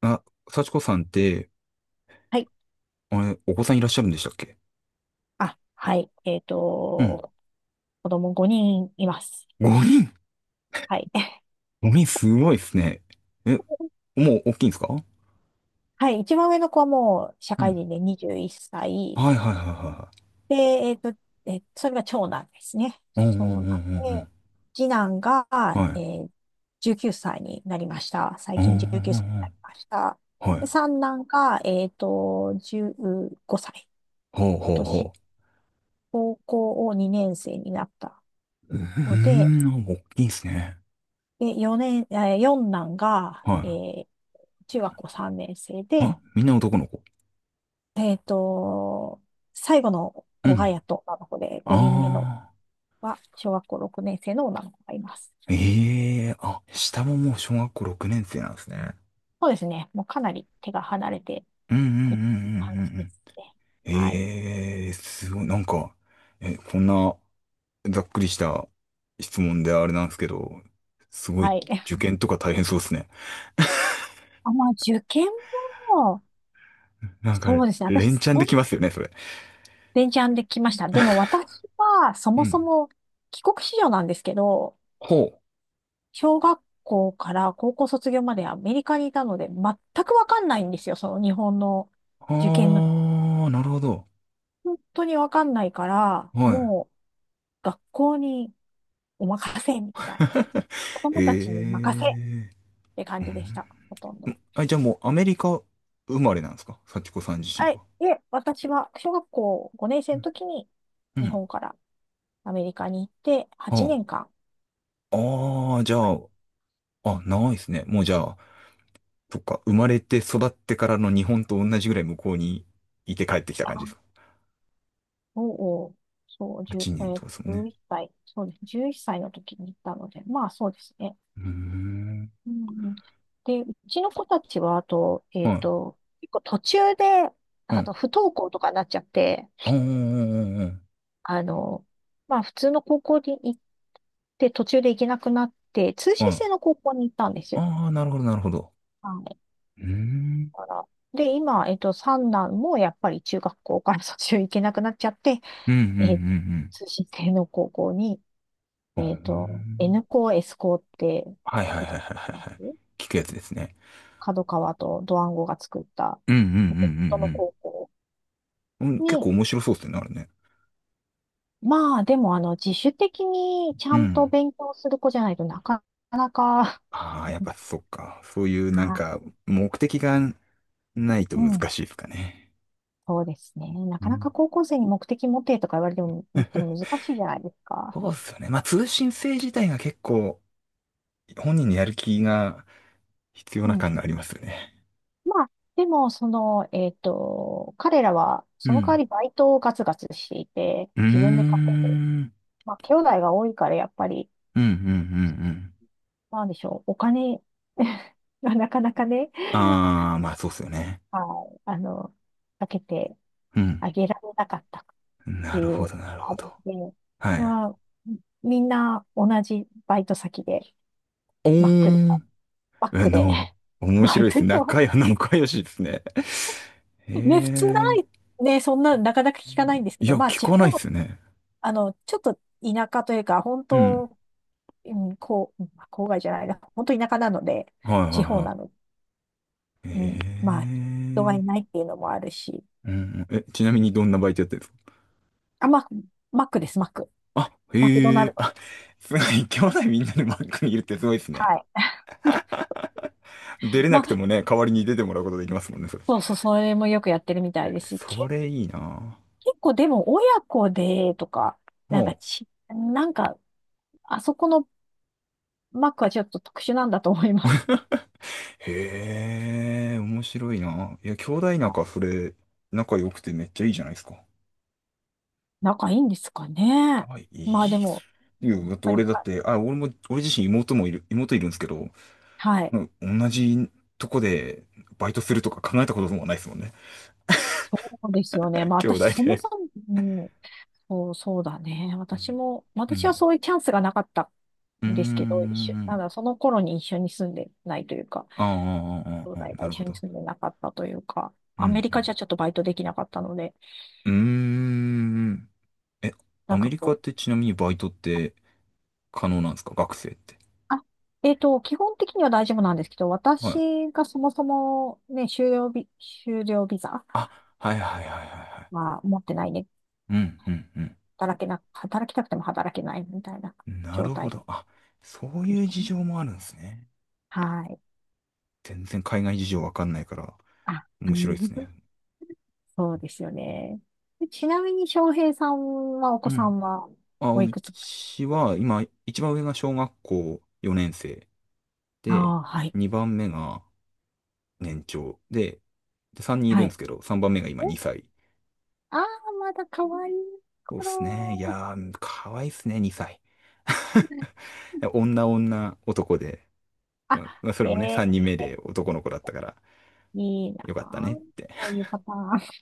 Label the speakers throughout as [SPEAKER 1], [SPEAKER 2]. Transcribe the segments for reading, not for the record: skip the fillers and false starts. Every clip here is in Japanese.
[SPEAKER 1] あ、幸子さんって、
[SPEAKER 2] はい。
[SPEAKER 1] あれ、お子さんいらっしゃるんでしたっけ？
[SPEAKER 2] あ、はい。
[SPEAKER 1] うん。
[SPEAKER 2] 子供5人います。
[SPEAKER 1] 5人？
[SPEAKER 2] はい。
[SPEAKER 1] 5 人すごいですね。え、もう大きいんですか？
[SPEAKER 2] はい。一番上の子はもう社
[SPEAKER 1] う
[SPEAKER 2] 会
[SPEAKER 1] ん。
[SPEAKER 2] 人で21歳。
[SPEAKER 1] はいはいはいは
[SPEAKER 2] で、それが長男ですね。
[SPEAKER 1] いはい。うんうんうんう
[SPEAKER 2] 長男
[SPEAKER 1] ん
[SPEAKER 2] で、次男が、
[SPEAKER 1] うん。は
[SPEAKER 2] え
[SPEAKER 1] い。
[SPEAKER 2] ー、19歳になりました。
[SPEAKER 1] う
[SPEAKER 2] 最
[SPEAKER 1] んうんう
[SPEAKER 2] 近19歳
[SPEAKER 1] ん
[SPEAKER 2] に
[SPEAKER 1] う
[SPEAKER 2] な
[SPEAKER 1] ん。
[SPEAKER 2] りました。
[SPEAKER 1] は
[SPEAKER 2] で、
[SPEAKER 1] い。
[SPEAKER 2] 三男が、15歳。
[SPEAKER 1] ほうほう
[SPEAKER 2] 今年、
[SPEAKER 1] ほ
[SPEAKER 2] 高校を2年生になった
[SPEAKER 1] う。う
[SPEAKER 2] ので、
[SPEAKER 1] ーん、大きいですね。
[SPEAKER 2] で、4年、えー四男が、
[SPEAKER 1] は
[SPEAKER 2] 中学校3年生
[SPEAKER 1] い。
[SPEAKER 2] で、
[SPEAKER 1] あ、みんな男の子。
[SPEAKER 2] えっと、最後の
[SPEAKER 1] う
[SPEAKER 2] 子が
[SPEAKER 1] ん。
[SPEAKER 2] やっと女の子で、5人目の
[SPEAKER 1] ああ。
[SPEAKER 2] は小学校6年生の女の子がいます。
[SPEAKER 1] ええ、あ、下ももう小学校6年生なんですね。
[SPEAKER 2] そうですね。もうかなり手が離れて
[SPEAKER 1] うんうん
[SPEAKER 2] いる
[SPEAKER 1] うん
[SPEAKER 2] 感
[SPEAKER 1] うんう
[SPEAKER 2] じ
[SPEAKER 1] んう
[SPEAKER 2] で
[SPEAKER 1] ん。
[SPEAKER 2] すね。はい。
[SPEAKER 1] ええ、すごい、なんか、え、こんな、ざっくりした質問であれなんですけど、すご
[SPEAKER 2] は
[SPEAKER 1] い
[SPEAKER 2] い。
[SPEAKER 1] 受 験とか大変そうですね。
[SPEAKER 2] あ、まあ、受験も、
[SPEAKER 1] なんか、
[SPEAKER 2] そうですね。私、
[SPEAKER 1] 連チャンできますよね、それ。
[SPEAKER 2] ベンチャンで来ました。でも私は、そ
[SPEAKER 1] う
[SPEAKER 2] もそ
[SPEAKER 1] ん。
[SPEAKER 2] も帰国子女なんですけど、
[SPEAKER 1] ほう。
[SPEAKER 2] 小学校から高校卒業までアメリカにいたので、全くわかんないんですよ。その日本の
[SPEAKER 1] あ
[SPEAKER 2] 受験の。
[SPEAKER 1] ー、なるほど。
[SPEAKER 2] 本当にわかんないから、
[SPEAKER 1] は
[SPEAKER 2] もう学校にお任せみたいな。
[SPEAKER 1] い。へ
[SPEAKER 2] 子供たちに任せっ
[SPEAKER 1] え。
[SPEAKER 2] て感
[SPEAKER 1] う
[SPEAKER 2] じでし
[SPEAKER 1] ん、
[SPEAKER 2] た。ほとんど。
[SPEAKER 1] あ、じゃあもうアメリカ生まれなんですか、幸子さん自身
[SPEAKER 2] はい。
[SPEAKER 1] は。
[SPEAKER 2] で、私は小学校5年生の時に
[SPEAKER 1] う
[SPEAKER 2] 日
[SPEAKER 1] ん。
[SPEAKER 2] 本からアメリカに行って8年
[SPEAKER 1] は
[SPEAKER 2] 間、
[SPEAKER 1] あ。ああ、じゃあ、あ、ないですね。もうじゃあ、そっか、生まれて育ってからの日本と同じぐらい向こうにいて帰ってきた感じです
[SPEAKER 2] あ、
[SPEAKER 1] か？
[SPEAKER 2] おうおう、そう、1
[SPEAKER 1] 8
[SPEAKER 2] え
[SPEAKER 1] 年とかですもん
[SPEAKER 2] ー
[SPEAKER 1] ね。
[SPEAKER 2] 1歳、そうです。11歳の時に行ったので、まあそうですね。
[SPEAKER 1] うーん。
[SPEAKER 2] うんうん、で、うちの子たちは、あと、
[SPEAKER 1] はい。
[SPEAKER 2] 結構途中で、
[SPEAKER 1] うん。
[SPEAKER 2] 不登校とかになっちゃって、
[SPEAKER 1] ああ、うんうんうんうん。
[SPEAKER 2] あの、まあ、普通の高校に行って、途中で行けなくなって、通
[SPEAKER 1] は
[SPEAKER 2] 信制
[SPEAKER 1] い。
[SPEAKER 2] の高校に行ったんですよ。
[SPEAKER 1] ああ、なるほど、なるほど。
[SPEAKER 2] はい。
[SPEAKER 1] うーん。
[SPEAKER 2] だから、で、今、三男もやっぱり中学校から卒業行けなくなっちゃって、
[SPEAKER 1] うん、うん、う
[SPEAKER 2] えっと、
[SPEAKER 1] ん、
[SPEAKER 2] 通信制の高校に、
[SPEAKER 1] うん。うーん、
[SPEAKER 2] N 校、S 校って
[SPEAKER 1] はいはいはい
[SPEAKER 2] 聞い
[SPEAKER 1] は
[SPEAKER 2] た
[SPEAKER 1] い
[SPEAKER 2] こと
[SPEAKER 1] は
[SPEAKER 2] あり
[SPEAKER 1] いはい。
[SPEAKER 2] ます？
[SPEAKER 1] 聞くやつですね。
[SPEAKER 2] 角川とドワンゴが作った、
[SPEAKER 1] うん、うん、う
[SPEAKER 2] 元の
[SPEAKER 1] ん、
[SPEAKER 2] 高校
[SPEAKER 1] うん、うん。うん、結
[SPEAKER 2] に、
[SPEAKER 1] 構面白そうですね、あれね。
[SPEAKER 2] まあでもあの自主的にち
[SPEAKER 1] う
[SPEAKER 2] ゃんと
[SPEAKER 1] ん。
[SPEAKER 2] 勉強する子じゃないとなかなか。
[SPEAKER 1] ああ、やっぱ そっか。そういうなん
[SPEAKER 2] あ、
[SPEAKER 1] か、目的がないと
[SPEAKER 2] うん、
[SPEAKER 1] 難しいですかね。
[SPEAKER 2] そうですね。な
[SPEAKER 1] う
[SPEAKER 2] かな
[SPEAKER 1] ん。
[SPEAKER 2] か高校生に目的持てとか言われても、言っても 難しいじゃないですか。
[SPEAKER 1] そうっすよね。まあ、通信制自体が結構、本人のやる気が必要な
[SPEAKER 2] うん。
[SPEAKER 1] 感がありますよね。
[SPEAKER 2] まあ、でも、その、彼らは、
[SPEAKER 1] う
[SPEAKER 2] その代わ
[SPEAKER 1] ん。
[SPEAKER 2] りバイトをガツガツしていて、
[SPEAKER 1] うー
[SPEAKER 2] 自分で稼ぐ。
[SPEAKER 1] ん。
[SPEAKER 2] まあ、兄弟が多いから、やっぱり、
[SPEAKER 1] うん、うん、うん、うん。
[SPEAKER 2] なんでしょう、お金 がなかなかね、
[SPEAKER 1] ああ、まあそうっすよね。
[SPEAKER 2] はい、かけて
[SPEAKER 1] うん。
[SPEAKER 2] あげられなかった。て
[SPEAKER 1] な
[SPEAKER 2] い
[SPEAKER 1] るほ
[SPEAKER 2] う
[SPEAKER 1] ど、なるほ
[SPEAKER 2] ある
[SPEAKER 1] ど。
[SPEAKER 2] ので、
[SPEAKER 1] は
[SPEAKER 2] い
[SPEAKER 1] い。
[SPEAKER 2] や、みんな同じバイト先で、
[SPEAKER 1] お
[SPEAKER 2] マックで、
[SPEAKER 1] ー ん。
[SPEAKER 2] マッ
[SPEAKER 1] あ
[SPEAKER 2] クで、
[SPEAKER 1] の、面
[SPEAKER 2] バイ
[SPEAKER 1] 白いで
[SPEAKER 2] ト
[SPEAKER 1] す。
[SPEAKER 2] してます。
[SPEAKER 1] 仲良しですね。へ
[SPEAKER 2] ね、普通な
[SPEAKER 1] え。
[SPEAKER 2] い、ね、そんな、なかなか聞かないんですけ
[SPEAKER 1] い
[SPEAKER 2] ど、
[SPEAKER 1] や、
[SPEAKER 2] まあ、
[SPEAKER 1] 聞
[SPEAKER 2] 地
[SPEAKER 1] かないっ
[SPEAKER 2] 方、
[SPEAKER 1] すね。
[SPEAKER 2] ちょっと田舎というか、本
[SPEAKER 1] うん。
[SPEAKER 2] 当、うん、こう、まあ郊外じゃないな、本当田舎なので、
[SPEAKER 1] はい、はい、
[SPEAKER 2] 地方な
[SPEAKER 1] は
[SPEAKER 2] の、
[SPEAKER 1] い。へ
[SPEAKER 2] うん、まあ、人が
[SPEAKER 1] え。
[SPEAKER 2] いないっていうのもあるし、
[SPEAKER 1] うん。え、ちなみにどんなバイトやってるんですか？
[SPEAKER 2] あ、まあ、マックです、マック。
[SPEAKER 1] あ、
[SPEAKER 2] マクド
[SPEAKER 1] へ
[SPEAKER 2] ナル
[SPEAKER 1] え。
[SPEAKER 2] ドで
[SPEAKER 1] あ、
[SPEAKER 2] す。
[SPEAKER 1] すごい。兄弟みんなでバックにいるってすごいですね。
[SPEAKER 2] はい。
[SPEAKER 1] 出 れな
[SPEAKER 2] ま
[SPEAKER 1] くて
[SPEAKER 2] あ、
[SPEAKER 1] もね、代わりに出てもらうことできますもんね、それ。
[SPEAKER 2] そうそう、それもよくやってるみたい
[SPEAKER 1] え、
[SPEAKER 2] ですし、
[SPEAKER 1] それいいな。
[SPEAKER 2] 結構でも親子でとか、なんか
[SPEAKER 1] も
[SPEAKER 2] ち、なんか、あそこのマックはちょっと特殊なんだと思います。
[SPEAKER 1] う、へえ、面白いな。いや、兄弟
[SPEAKER 2] は
[SPEAKER 1] 仲、そ
[SPEAKER 2] い、
[SPEAKER 1] れ、仲良くてめっちゃいいじゃないですか。
[SPEAKER 2] 仲いいんですかね。
[SPEAKER 1] あ、い
[SPEAKER 2] まあ
[SPEAKER 1] い
[SPEAKER 2] で
[SPEAKER 1] っす
[SPEAKER 2] も、
[SPEAKER 1] よ。
[SPEAKER 2] や
[SPEAKER 1] だ
[SPEAKER 2] っ
[SPEAKER 1] って
[SPEAKER 2] ぱり
[SPEAKER 1] 俺だっ
[SPEAKER 2] た、
[SPEAKER 1] て、あ、俺も、俺自身妹もいる、妹いるんですけど、
[SPEAKER 2] はい。
[SPEAKER 1] うん、同じとこでバイトするとか考えたこともないですもんね。
[SPEAKER 2] そうですよね。まあ
[SPEAKER 1] 兄
[SPEAKER 2] 私、
[SPEAKER 1] 弟
[SPEAKER 2] そも
[SPEAKER 1] で。
[SPEAKER 2] そも、うん、そう、そうだね。
[SPEAKER 1] う
[SPEAKER 2] 私は
[SPEAKER 1] ん。
[SPEAKER 2] そういうチャンスがなかった
[SPEAKER 1] う
[SPEAKER 2] んですけど、一緒、なん
[SPEAKER 1] ん。
[SPEAKER 2] だ、その頃に一緒に住んでないというか、
[SPEAKER 1] ああ、ああ、
[SPEAKER 2] 兄
[SPEAKER 1] あ
[SPEAKER 2] 弟
[SPEAKER 1] ーあー、
[SPEAKER 2] が
[SPEAKER 1] な
[SPEAKER 2] 一
[SPEAKER 1] るほ
[SPEAKER 2] 緒に
[SPEAKER 1] ど。
[SPEAKER 2] 住んでなかったというか、
[SPEAKER 1] う
[SPEAKER 2] アメリカじゃ
[SPEAKER 1] ん、
[SPEAKER 2] ちょっとバイトできなかったので、
[SPEAKER 1] うん。うーん。え、
[SPEAKER 2] な
[SPEAKER 1] ア
[SPEAKER 2] ん
[SPEAKER 1] メ
[SPEAKER 2] か
[SPEAKER 1] リカっ
[SPEAKER 2] こ
[SPEAKER 1] て
[SPEAKER 2] う、
[SPEAKER 1] ちなみにバイトって可能なんですか、学生って？
[SPEAKER 2] あ基本的には大丈夫なんですけど、
[SPEAKER 1] はい。
[SPEAKER 2] 私がそもそもね、就業ビザ
[SPEAKER 1] あ、はいはいはいはいはい。
[SPEAKER 2] は持ってないね。
[SPEAKER 1] うんうん
[SPEAKER 2] 働けな、働きたくても働けないみたいな
[SPEAKER 1] うん。な
[SPEAKER 2] 状
[SPEAKER 1] るほ
[SPEAKER 2] 態
[SPEAKER 1] ど。あ、そう
[SPEAKER 2] でし
[SPEAKER 1] いう
[SPEAKER 2] た
[SPEAKER 1] 事
[SPEAKER 2] ね。
[SPEAKER 1] 情もあるんですね。
[SPEAKER 2] はい。
[SPEAKER 1] 全然海外事情わかんないから
[SPEAKER 2] あ、う
[SPEAKER 1] 面白いです
[SPEAKER 2] ん
[SPEAKER 1] ね。
[SPEAKER 2] そうですよね。でちなみに翔平さんはお
[SPEAKER 1] う
[SPEAKER 2] 子さ
[SPEAKER 1] ん。
[SPEAKER 2] んは
[SPEAKER 1] あ、
[SPEAKER 2] おい
[SPEAKER 1] う
[SPEAKER 2] くつ？
[SPEAKER 1] ちは今、一番上が小学校4年生で、
[SPEAKER 2] ああー、はい。
[SPEAKER 1] 2番目が年長で、で、3人いる
[SPEAKER 2] は
[SPEAKER 1] んで
[SPEAKER 2] い。
[SPEAKER 1] すけど、3番目が今
[SPEAKER 2] お、
[SPEAKER 1] 2歳。
[SPEAKER 2] ああ、まだ可愛い
[SPEAKER 1] そうですね。い
[SPEAKER 2] 頃。
[SPEAKER 1] やー、かわいいっすね、2歳。女女男で、うん、まあそ
[SPEAKER 2] あ、
[SPEAKER 1] れもね、
[SPEAKER 2] え
[SPEAKER 1] 3
[SPEAKER 2] え
[SPEAKER 1] 人目で男の子だったから、
[SPEAKER 2] いいな
[SPEAKER 1] よかった
[SPEAKER 2] あ。
[SPEAKER 1] ねって。
[SPEAKER 2] そういうパターン。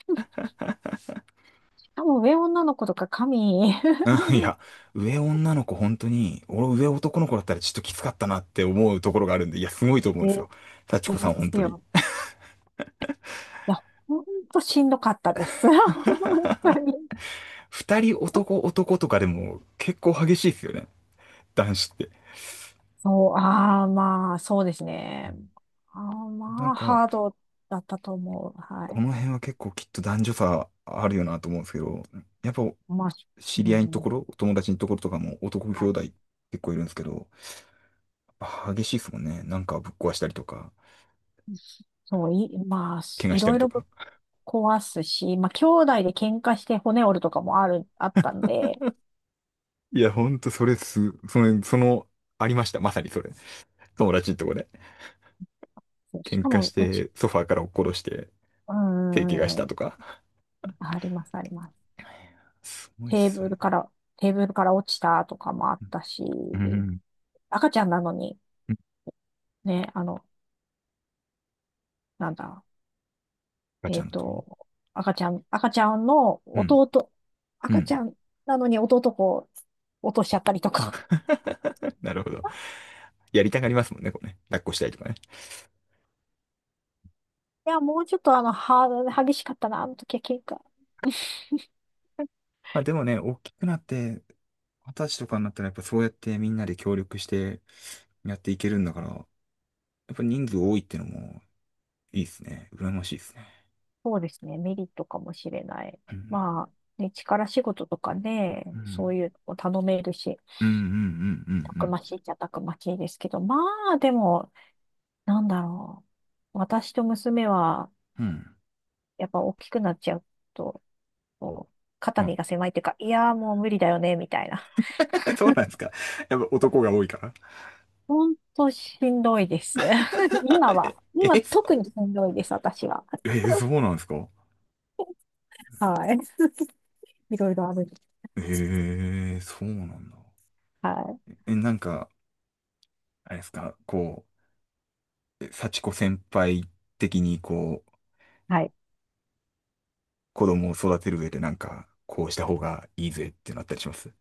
[SPEAKER 2] 多分上女の子とか神。
[SPEAKER 1] うん、いや、上女の子本当に、俺上男の子だったらちょっときつかったなって思うところがあるんで、いや、すごいと思うんです
[SPEAKER 2] え
[SPEAKER 1] よ。幸子さ
[SPEAKER 2] で
[SPEAKER 1] ん本
[SPEAKER 2] す
[SPEAKER 1] 当に。
[SPEAKER 2] よ。いや、ほんとしんどかったです。本当に。
[SPEAKER 1] 二人男男とかでも結構激しいですよね。男子って。
[SPEAKER 2] そう、ああ、まあ、そうです
[SPEAKER 1] う
[SPEAKER 2] ね。
[SPEAKER 1] ん、
[SPEAKER 2] ああ、
[SPEAKER 1] な
[SPEAKER 2] ま
[SPEAKER 1] ん
[SPEAKER 2] あ、
[SPEAKER 1] か、
[SPEAKER 2] ハードだったと思う。は
[SPEAKER 1] こ
[SPEAKER 2] い。
[SPEAKER 1] の辺は結構きっと男女差あるよなと思うんですけど、やっぱ
[SPEAKER 2] まあ、
[SPEAKER 1] 知
[SPEAKER 2] う
[SPEAKER 1] り合いのとこ
[SPEAKER 2] ん、
[SPEAKER 1] ろ、お友達のところとかも男兄
[SPEAKER 2] はい。
[SPEAKER 1] 弟結構いるんですけど、やっぱ激しいですもんね。なんかぶっ壊したりとか、
[SPEAKER 2] そう、まあ、
[SPEAKER 1] 怪我
[SPEAKER 2] い
[SPEAKER 1] した
[SPEAKER 2] ろ
[SPEAKER 1] り
[SPEAKER 2] い
[SPEAKER 1] と
[SPEAKER 2] ろぶ
[SPEAKER 1] か。
[SPEAKER 2] っ壊すし、まあ、兄弟で喧嘩して骨折るとかもあったんで、
[SPEAKER 1] いや、ほんとそれす、それ、その、ありました。まさにそれ。友達のとこで。
[SPEAKER 2] そうし
[SPEAKER 1] 喧
[SPEAKER 2] か
[SPEAKER 1] 嘩し
[SPEAKER 2] も、うち、
[SPEAKER 1] て、ソファーから落っことして、
[SPEAKER 2] うー
[SPEAKER 1] 手怪我したと
[SPEAKER 2] ん、
[SPEAKER 1] か。
[SPEAKER 2] あります、あります。
[SPEAKER 1] すごいっ
[SPEAKER 2] テー
[SPEAKER 1] すよ
[SPEAKER 2] ブ
[SPEAKER 1] ね。
[SPEAKER 2] ルから、テーブルから落ちたとかもあっ
[SPEAKER 1] うん。
[SPEAKER 2] たし、
[SPEAKER 1] うんうん。
[SPEAKER 2] 赤ちゃんなのに、ね、あの、なんだ、
[SPEAKER 1] ガチ
[SPEAKER 2] え
[SPEAKER 1] ャ
[SPEAKER 2] っ
[SPEAKER 1] の時。
[SPEAKER 2] と、赤ちゃんの
[SPEAKER 1] うん。
[SPEAKER 2] 弟、
[SPEAKER 1] う
[SPEAKER 2] 赤ち
[SPEAKER 1] ん。
[SPEAKER 2] ゃんなのに弟を落としちゃったりとか。
[SPEAKER 1] なるほど。やりたがりますもんね、こうね。抱っこしたいとかね。
[SPEAKER 2] いや、もうちょっと激しかったな、あの時は喧嘩。
[SPEAKER 1] まあでもね、大きくなって、私とかになったらやっぱそうやってみんなで協力してやっていけるんだから、やっぱ人数多いってのもいいですね。羨ましいですね。
[SPEAKER 2] そうですね、メリットかもしれない。
[SPEAKER 1] うん。
[SPEAKER 2] まあ、ね、力仕事とかね、
[SPEAKER 1] う
[SPEAKER 2] そ
[SPEAKER 1] ん。
[SPEAKER 2] ういうのを頼めるし、
[SPEAKER 1] うんうん
[SPEAKER 2] た
[SPEAKER 1] う
[SPEAKER 2] く
[SPEAKER 1] ん
[SPEAKER 2] ましいっちゃたくましいですけど、まあ、でも、なんだろう。私と娘は、
[SPEAKER 1] うんうん。うん。
[SPEAKER 2] やっぱ大きくなっちゃうと、こう、
[SPEAKER 1] う
[SPEAKER 2] 肩
[SPEAKER 1] ん。
[SPEAKER 2] 身が狭いっていうか、いやーもう無理だよね、みたいな。
[SPEAKER 1] そうなんですか。やっぱ男が多いから。
[SPEAKER 2] ほんとしんどいです。今 は、今
[SPEAKER 1] え、そ
[SPEAKER 2] 特にしんどいです、私は。
[SPEAKER 1] え、そうなんですか？
[SPEAKER 2] はい。いろいろある。
[SPEAKER 1] ええ、そうなんだ。
[SPEAKER 2] は
[SPEAKER 1] え、なんか、あれですか、こう、え、幸子先輩的に、こう、
[SPEAKER 2] い。はい。
[SPEAKER 1] 子供を育てる上でなんか、こうした方がいいぜってなったりします？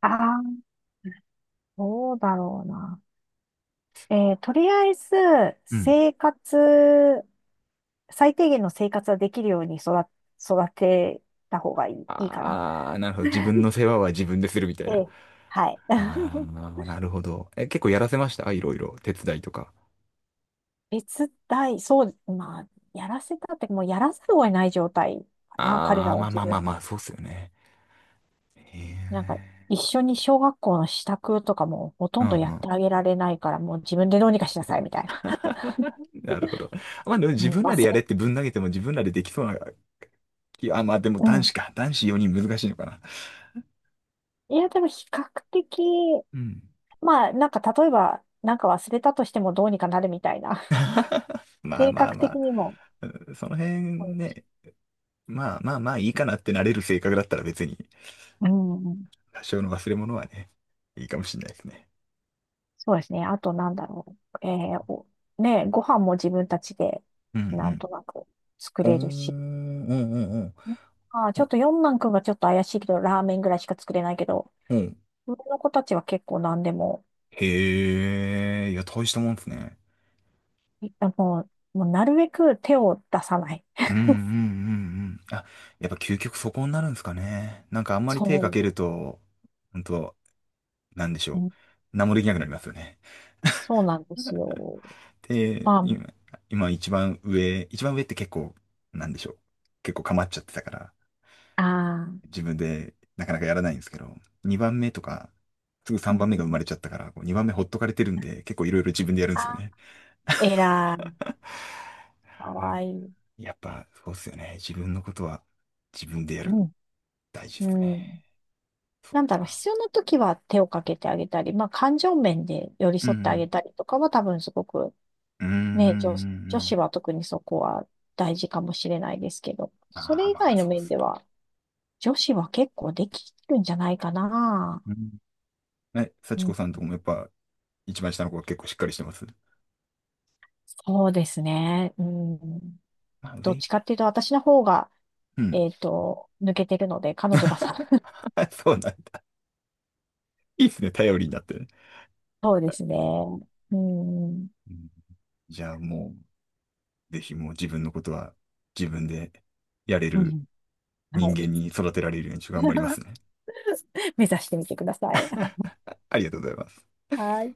[SPEAKER 2] ああ、どうだろうな。とりあえず、
[SPEAKER 1] うん。
[SPEAKER 2] 生活、最低限の生活はできるように育てた方がいいかな。
[SPEAKER 1] ああ、なるほど。自分の世話は自分でするみたい
[SPEAKER 2] え
[SPEAKER 1] な。
[SPEAKER 2] え。はい。
[SPEAKER 1] あ あ、なるほど。え、結構やらせました、いろいろ。手伝いとか。
[SPEAKER 2] そう、まあ、やらせたって、もうやらざるを得ない状態かな、彼
[SPEAKER 1] あ
[SPEAKER 2] ら
[SPEAKER 1] あ、
[SPEAKER 2] は
[SPEAKER 1] まあ
[SPEAKER 2] 自
[SPEAKER 1] まあまあ
[SPEAKER 2] 分。
[SPEAKER 1] まあ、そうっすよね。へえ。
[SPEAKER 2] なんか、一緒に小学校の支度とかもほと
[SPEAKER 1] う
[SPEAKER 2] ん
[SPEAKER 1] んう
[SPEAKER 2] どやっ
[SPEAKER 1] ん。
[SPEAKER 2] てあげられないから、もう自分でどうにかしなさい、みたいな。
[SPEAKER 1] なるほど。まあでも
[SPEAKER 2] う
[SPEAKER 1] 自
[SPEAKER 2] ん、
[SPEAKER 1] 分らでやれってぶん投げても自分らでできそうな。いや、まあでも
[SPEAKER 2] う
[SPEAKER 1] 男子
[SPEAKER 2] ん。
[SPEAKER 1] か。男子4人難しいのかな。
[SPEAKER 2] いや、でも比較的、
[SPEAKER 1] うん。
[SPEAKER 2] まあ、なんか、例えば、なんか忘れたとしてもどうにかなるみたいな。
[SPEAKER 1] まあ
[SPEAKER 2] 性
[SPEAKER 1] まあ
[SPEAKER 2] 格
[SPEAKER 1] ま
[SPEAKER 2] 的
[SPEAKER 1] あ、
[SPEAKER 2] にも。
[SPEAKER 1] うん、その辺ね、まあまあまあいいかなってなれる性格だったら別に、
[SPEAKER 2] うん、うん、
[SPEAKER 1] 多少の忘れ物はね、いいかもしれないですね。
[SPEAKER 2] そうですね。あと、なんだろう。えーおね、ご飯も自分たちで、
[SPEAKER 1] う
[SPEAKER 2] なん
[SPEAKER 1] ん
[SPEAKER 2] となく作
[SPEAKER 1] うん。おー、う
[SPEAKER 2] れるし。
[SPEAKER 1] んうんうん。
[SPEAKER 2] ああ、ちょっと四男くんがちょっと怪しいけど、ラーメンぐらいしか作れないけど、
[SPEAKER 1] お、うん。
[SPEAKER 2] 上の子たちは結構何でも、
[SPEAKER 1] へえ、いや、大したもんですね。
[SPEAKER 2] もう、もうなるべく手を出さない。
[SPEAKER 1] うんうんうんうん。あ、やっぱ究極そこになるんですかね。なんかあんまり手か
[SPEAKER 2] そ
[SPEAKER 1] けると、本当なんでし
[SPEAKER 2] う。う
[SPEAKER 1] ょ
[SPEAKER 2] ん
[SPEAKER 1] う。何もできなくなりますよね。
[SPEAKER 2] そうなんですよ。
[SPEAKER 1] で、
[SPEAKER 2] ま
[SPEAKER 1] 今、一番上って結構、なんでしょう。結構構っちゃってたから、
[SPEAKER 2] ああ、あ、
[SPEAKER 1] 自分でなかなかやらないんですけど、2番目とか、すぐ
[SPEAKER 2] う
[SPEAKER 1] 3
[SPEAKER 2] ん
[SPEAKER 1] 番目が生
[SPEAKER 2] う
[SPEAKER 1] ま
[SPEAKER 2] ん、
[SPEAKER 1] れちゃったから、こう2番目ほっとかれてるんで、結構いろいろ自分でやるんですよ
[SPEAKER 2] あ、
[SPEAKER 1] ね。
[SPEAKER 2] 偉い、か
[SPEAKER 1] なんか
[SPEAKER 2] わいい。
[SPEAKER 1] やっぱ、そうっすよね。自分のことは自分でやる。
[SPEAKER 2] うん、
[SPEAKER 1] 大事です
[SPEAKER 2] う
[SPEAKER 1] ね。
[SPEAKER 2] ん。
[SPEAKER 1] そっ
[SPEAKER 2] なんだろう、
[SPEAKER 1] か。
[SPEAKER 2] 必要な時は手をかけてあげたり、まあ、感情面で寄り
[SPEAKER 1] う
[SPEAKER 2] 添ってあげ
[SPEAKER 1] ん。
[SPEAKER 2] たりとかは多分すごく、
[SPEAKER 1] うん。うんうんう
[SPEAKER 2] ね、
[SPEAKER 1] ん
[SPEAKER 2] 女
[SPEAKER 1] う
[SPEAKER 2] 子
[SPEAKER 1] ん。
[SPEAKER 2] は特にそこは大事かもしれないですけど、そ
[SPEAKER 1] ああ、
[SPEAKER 2] れ以
[SPEAKER 1] まあ、
[SPEAKER 2] 外の
[SPEAKER 1] そうっ
[SPEAKER 2] 面
[SPEAKER 1] す
[SPEAKER 2] で
[SPEAKER 1] ね。
[SPEAKER 2] は、女子は結構できるんじゃないかな。
[SPEAKER 1] うん。え、
[SPEAKER 2] う
[SPEAKER 1] 幸子
[SPEAKER 2] ん、
[SPEAKER 1] さんとこもやっぱ、一番下の子は結構しっかりしてます。
[SPEAKER 2] そうですね。うん、
[SPEAKER 1] まあ、
[SPEAKER 2] どっ
[SPEAKER 1] 上。
[SPEAKER 2] ちかっていうと、私の方が、
[SPEAKER 1] うん。
[SPEAKER 2] 抜けてるので、彼女がさ、
[SPEAKER 1] そうなんだ。いいですね。頼りになってね。
[SPEAKER 2] そうですね。うん、
[SPEAKER 1] うん、じゃあもう、ぜひもう自分のことは自分でやれ
[SPEAKER 2] う
[SPEAKER 1] る
[SPEAKER 2] ん、は
[SPEAKER 1] 人
[SPEAKER 2] い。
[SPEAKER 1] 間に育てられるようにちょっと頑張りますね。
[SPEAKER 2] 目指してみてください。
[SPEAKER 1] ありがとうございます。
[SPEAKER 2] はい。